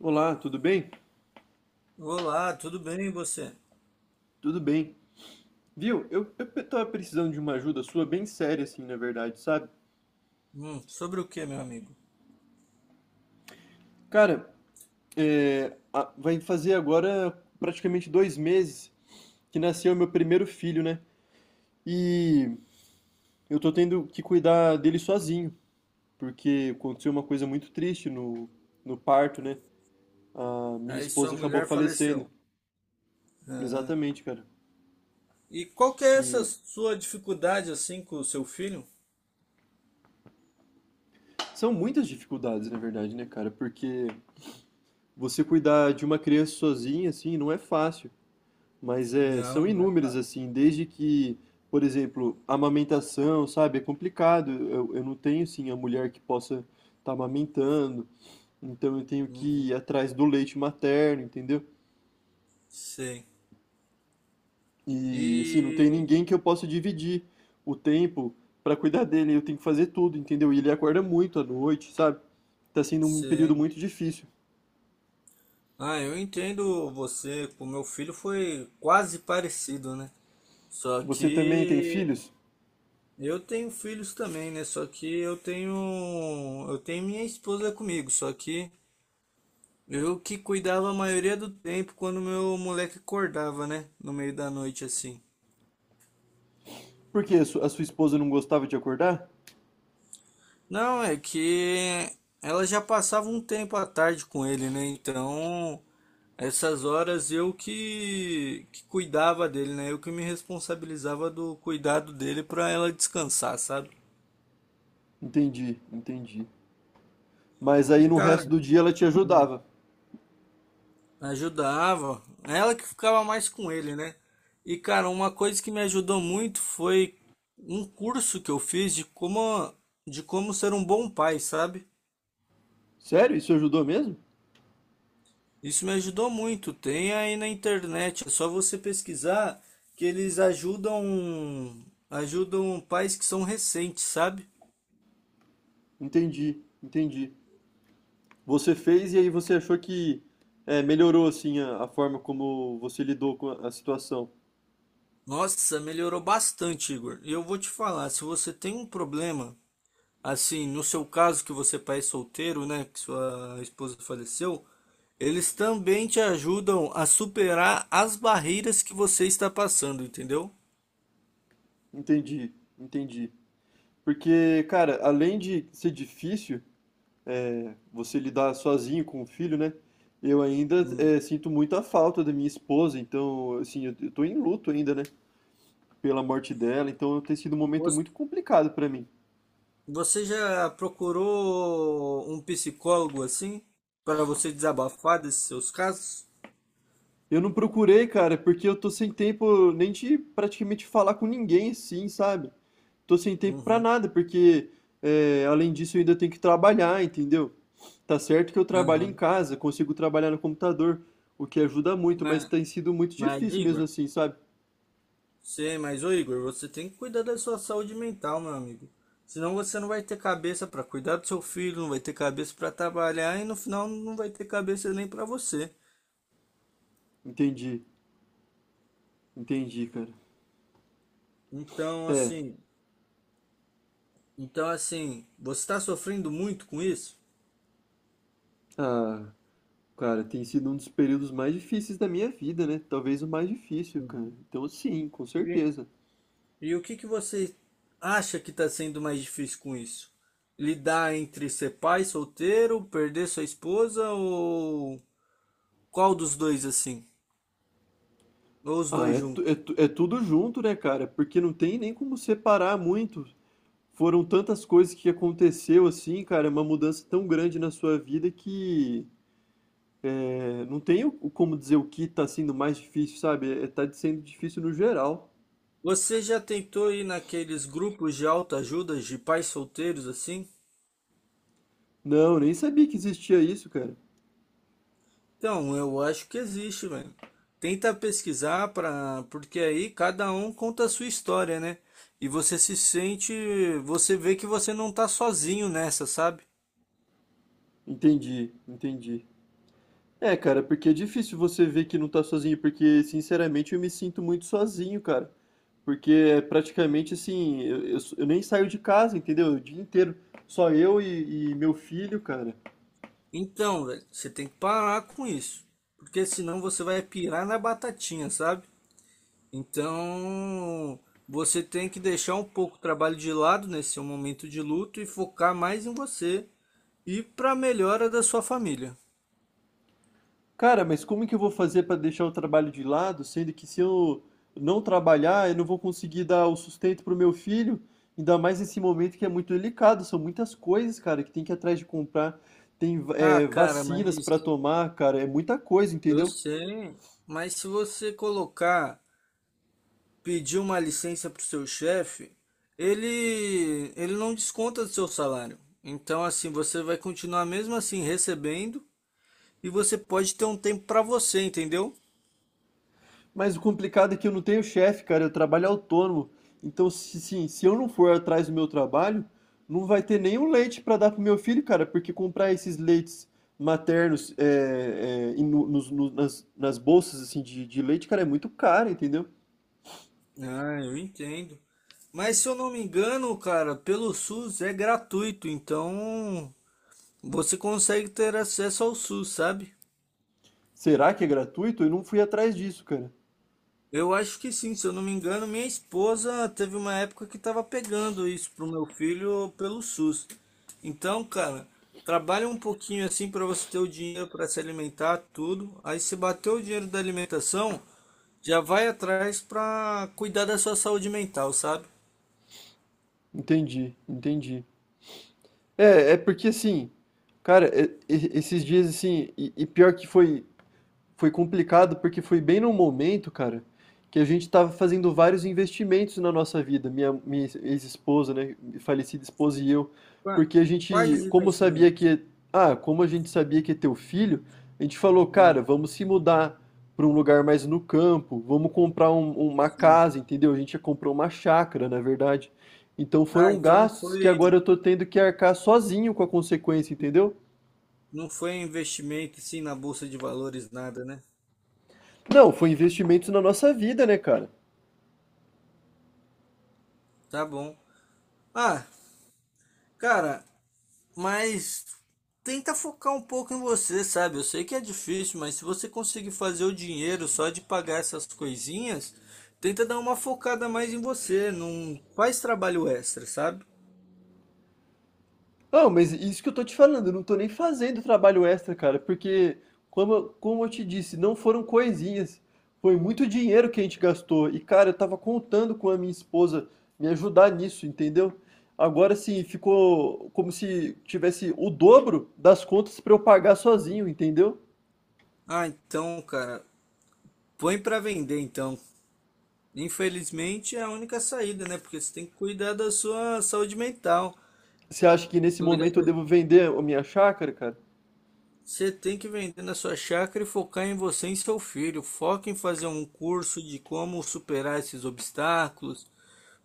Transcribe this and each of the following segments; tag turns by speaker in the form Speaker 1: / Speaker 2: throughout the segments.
Speaker 1: Olá, tudo bem?
Speaker 2: Olá, tudo bem e você?
Speaker 1: Tudo bem. Viu? Eu tava precisando de uma ajuda sua bem séria, assim, na verdade, sabe?
Speaker 2: Sobre o que, meu amigo?
Speaker 1: Cara, vai fazer agora praticamente 2 meses que nasceu meu primeiro filho, né? E eu tô tendo que cuidar dele sozinho, porque aconteceu uma coisa muito triste no parto, né? A minha
Speaker 2: Aí sua
Speaker 1: esposa acabou
Speaker 2: mulher
Speaker 1: falecendo.
Speaker 2: faleceu. Ah,
Speaker 1: Exatamente, cara.
Speaker 2: e qual que é essa
Speaker 1: E
Speaker 2: sua dificuldade assim com o seu filho?
Speaker 1: são muitas dificuldades, na verdade, né, cara? Porque você cuidar de uma criança sozinha, assim, não é fácil. Mas é, são
Speaker 2: Não, não é
Speaker 1: inúmeras,
Speaker 2: fácil.
Speaker 1: assim, desde que, por exemplo, amamentação, sabe? É complicado. Eu não tenho, assim, a mulher que possa estar amamentando, então eu tenho que
Speaker 2: Uhum,
Speaker 1: ir atrás do leite materno, entendeu?
Speaker 2: sei.
Speaker 1: E, assim, não tem
Speaker 2: E
Speaker 1: ninguém que eu possa dividir o tempo para cuidar dele. Eu tenho que fazer tudo, entendeu? E ele acorda muito à noite, sabe? Tá sendo um período
Speaker 2: sei.
Speaker 1: muito difícil.
Speaker 2: Ah, eu entendo você. O meu filho foi quase parecido, né? Só
Speaker 1: Você também tem
Speaker 2: que
Speaker 1: filhos?
Speaker 2: eu tenho filhos também, né? Só que eu tenho minha esposa comigo, só que eu que cuidava a maioria do tempo quando meu moleque acordava, né? No meio da noite assim.
Speaker 1: Por quê? A sua esposa não gostava de acordar?
Speaker 2: Não, é que ela já passava um tempo à tarde com ele, né? Então, essas horas eu que cuidava dele, né? Eu que me responsabilizava do cuidado dele pra ela descansar, sabe?
Speaker 1: Entendi, entendi. Mas
Speaker 2: E,
Speaker 1: aí no
Speaker 2: cara,
Speaker 1: resto do dia ela te ajudava.
Speaker 2: ajudava. Ela que ficava mais com ele, né? E, cara, uma coisa que me ajudou muito foi um curso que eu fiz de como ser um bom pai, sabe?
Speaker 1: Sério? Isso ajudou mesmo?
Speaker 2: Isso me ajudou muito. Tem aí na internet, é só você pesquisar que eles ajudam, ajudam pais que são recentes, sabe?
Speaker 1: Entendi, entendi. Você fez e aí você achou que melhorou assim a forma como você lidou com a situação.
Speaker 2: Nossa, melhorou bastante, Igor. E eu vou te falar, se você tem um problema, assim, no seu caso que você é pai solteiro, né, que sua esposa faleceu, eles também te ajudam a superar as barreiras que você está passando, entendeu?
Speaker 1: Entendi, entendi. Porque, cara, além de ser difícil você lidar sozinho com o filho, né? Eu ainda
Speaker 2: Hum.
Speaker 1: sinto muita falta da minha esposa, então, assim, eu tô em luto ainda, né? Pela morte dela, então tem sido um momento
Speaker 2: Você
Speaker 1: muito complicado pra mim.
Speaker 2: você já procurou um psicólogo assim para você desabafar desses seus casos?
Speaker 1: Eu não procurei, cara, é porque eu tô sem tempo nem de praticamente falar com ninguém, sim, sabe? Tô sem tempo pra
Speaker 2: Uhum.
Speaker 1: nada, porque além disso eu ainda tenho que trabalhar, entendeu? Tá certo que eu trabalho em
Speaker 2: Aham.
Speaker 1: casa, consigo trabalhar no computador, o que ajuda muito, mas
Speaker 2: Mas,
Speaker 1: tem sido muito
Speaker 2: mas,
Speaker 1: difícil mesmo
Speaker 2: Igor,
Speaker 1: assim, sabe?
Speaker 2: sim, mas ô Igor, você tem que cuidar da sua saúde mental, meu amigo. Senão você não vai ter cabeça para cuidar do seu filho, não vai ter cabeça para trabalhar e no final não vai ter cabeça nem para você.
Speaker 1: Entendi, entendi, cara.
Speaker 2: Então,
Speaker 1: É,
Speaker 2: assim, então, assim, você está sofrendo muito com isso?
Speaker 1: ah, cara, tem sido um dos períodos mais difíceis da minha vida, né? Talvez o mais difícil, cara.
Speaker 2: Uhum.
Speaker 1: Então, sim, com
Speaker 2: E,
Speaker 1: certeza.
Speaker 2: e o que que você acha que está sendo mais difícil com isso? Lidar entre ser pai solteiro, perder sua esposa ou qual dos dois assim? Ou os
Speaker 1: Ah,
Speaker 2: dois
Speaker 1: é, tu-
Speaker 2: juntos?
Speaker 1: é tu- é tudo junto, né, cara? Porque não tem nem como separar muito. Foram tantas coisas que aconteceu assim, cara, é uma mudança tão grande na sua vida que não tem o como dizer o que tá sendo mais difícil, sabe? É, tá sendo difícil no geral.
Speaker 2: Você já tentou ir naqueles grupos de autoajuda de pais solteiros assim?
Speaker 1: Não, nem sabia que existia isso, cara.
Speaker 2: Então, eu acho que existe, velho. Tenta pesquisar para, porque aí cada um conta a sua história, né? E você se sente, você vê que você não tá sozinho nessa, sabe?
Speaker 1: Entendi, entendi. É, cara, porque é difícil você ver que não tá sozinho, porque, sinceramente, eu me sinto muito sozinho, cara. Porque é praticamente assim, eu nem saio de casa, entendeu? O dia inteiro, só eu e meu filho, cara.
Speaker 2: Então, velho, você tem que parar com isso, porque senão você vai pirar na batatinha, sabe? Então, você tem que deixar um pouco o trabalho de lado nesse seu momento de luto e focar mais em você e para melhora da sua família.
Speaker 1: Cara, mas como que eu vou fazer pra deixar o trabalho de lado, sendo que se eu não trabalhar, eu não vou conseguir dar o sustento pro meu filho? Ainda mais nesse momento que é muito delicado, são muitas coisas, cara, que tem que ir atrás de comprar, tem,
Speaker 2: Ah, cara,
Speaker 1: vacinas
Speaker 2: mas
Speaker 1: pra tomar, cara, é muita coisa,
Speaker 2: eu
Speaker 1: entendeu?
Speaker 2: sei, mas se você colocar, pedir uma licença para o seu chefe, ele não desconta do seu salário. Então, assim, você vai continuar mesmo assim recebendo e você pode ter um tempo para você, entendeu?
Speaker 1: Mas o complicado é que eu não tenho chefe, cara, eu trabalho autônomo. Então, se, sim, se eu não for atrás do meu trabalho, não vai ter nenhum leite para dar pro meu filho, cara, porque comprar esses leites maternos nas bolsas assim de leite, cara, é muito caro, entendeu?
Speaker 2: Ah, eu entendo. Mas se eu não me engano, cara, pelo SUS é gratuito, então você consegue ter acesso ao SUS, sabe?
Speaker 1: Será que é gratuito? Eu não fui atrás disso, cara.
Speaker 2: Eu acho que sim, se eu não me engano, minha esposa teve uma época que estava pegando isso pro meu filho pelo SUS. Então, cara, trabalha um pouquinho assim para você ter o dinheiro para se alimentar, tudo. Aí se bater o dinheiro da alimentação, já vai atrás para cuidar da sua saúde mental, sabe?
Speaker 1: Entendi, entendi. É, é porque assim, cara, esses dias assim, e pior que foi. Foi complicado porque foi bem num momento, cara, que a gente estava fazendo vários investimentos na nossa vida, minha ex-esposa, né, falecida esposa e eu,
Speaker 2: Qua-
Speaker 1: porque a
Speaker 2: Quais
Speaker 1: gente, como sabia
Speaker 2: investimentos?
Speaker 1: que, ah, como a gente sabia que ia ter o filho, a gente falou, cara,
Speaker 2: Hum.
Speaker 1: vamos se mudar para um lugar mais no campo, vamos comprar uma casa, entendeu? A gente já comprou uma chácara, na verdade. Então
Speaker 2: Ah,
Speaker 1: foram gastos que agora eu tô tendo que arcar sozinho com a consequência, entendeu?
Speaker 2: não foi investimento assim na bolsa de valores nada, né?
Speaker 1: Não, foi investimentos na nossa vida, né, cara?
Speaker 2: Tá bom. Ah, cara, mas tenta focar um pouco em você, sabe? Eu sei que é difícil, mas se você conseguir fazer o dinheiro só de pagar essas coisinhas, tenta dar uma focada mais em você, não faz trabalho extra, sabe?
Speaker 1: Não, mas isso que eu tô te falando, eu não tô nem fazendo trabalho extra, cara, porque, como, como eu te disse, não foram coisinhas, foi muito dinheiro que a gente gastou. E, cara, eu tava contando com a minha esposa me ajudar nisso, entendeu? Agora sim, ficou como se tivesse o dobro das contas pra eu pagar sozinho, entendeu?
Speaker 2: Ah, então, cara, põe pra vender então. Infelizmente é a única saída, né? Porque você tem que cuidar da sua saúde mental.
Speaker 1: Você acha que nesse
Speaker 2: Cuidar
Speaker 1: momento eu
Speaker 2: da-
Speaker 1: devo vender a minha chácara, cara?
Speaker 2: Você tem que vender na sua chácara e focar em você e em seu filho. Foca em fazer um curso de como superar esses obstáculos,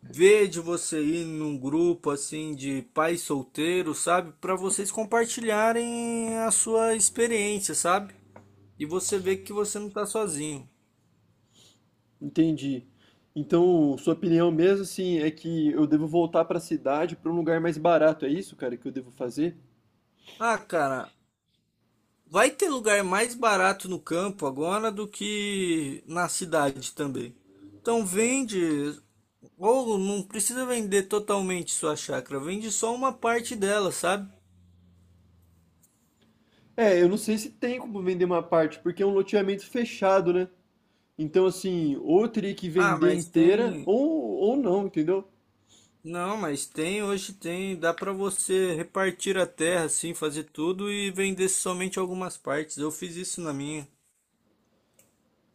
Speaker 2: ver de você ir num grupo assim de pais solteiros, sabe? Para vocês compartilharem a sua experiência, sabe? E você ver que você não tá sozinho.
Speaker 1: Entendi. Então, sua opinião mesmo, assim, é que eu devo voltar pra cidade, pra um lugar mais barato, é isso, cara, que eu devo fazer?
Speaker 2: Ah, cara, vai ter lugar mais barato no campo agora do que na cidade também. Então vende, ou não precisa vender totalmente sua chácara, vende só uma parte dela, sabe?
Speaker 1: É, eu não sei se tem como vender uma parte, porque é um loteamento fechado, né? Então, assim, ou eu teria que
Speaker 2: Ah,
Speaker 1: vender
Speaker 2: mas
Speaker 1: inteira,
Speaker 2: tem
Speaker 1: ou não, entendeu?
Speaker 2: Não, mas tem, hoje tem, dá pra você repartir a terra assim, fazer tudo e vender somente algumas partes. Eu fiz isso na minha.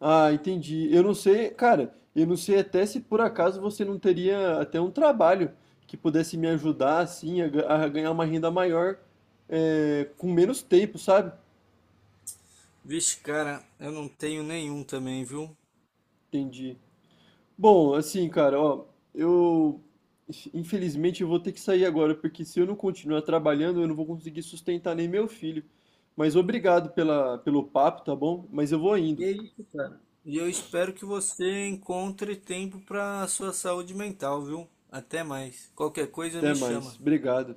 Speaker 1: Ah, entendi. Eu não sei, cara, eu não sei até se por acaso você não teria até um trabalho que pudesse me ajudar, assim, a ganhar uma renda maior, com menos tempo, sabe?
Speaker 2: Vixe, cara, eu não tenho nenhum também, viu?
Speaker 1: Entendi. Bom, assim, cara, ó, eu infelizmente eu vou ter que sair agora, porque se eu não continuar trabalhando, eu não vou conseguir sustentar nem meu filho. Mas obrigado pela, pelo papo, tá bom? Mas eu vou
Speaker 2: Que
Speaker 1: indo.
Speaker 2: isso, cara? E eu espero que você encontre tempo pra sua saúde mental, viu? Até mais. Qualquer coisa
Speaker 1: Até
Speaker 2: me
Speaker 1: mais.
Speaker 2: chama.
Speaker 1: Obrigado.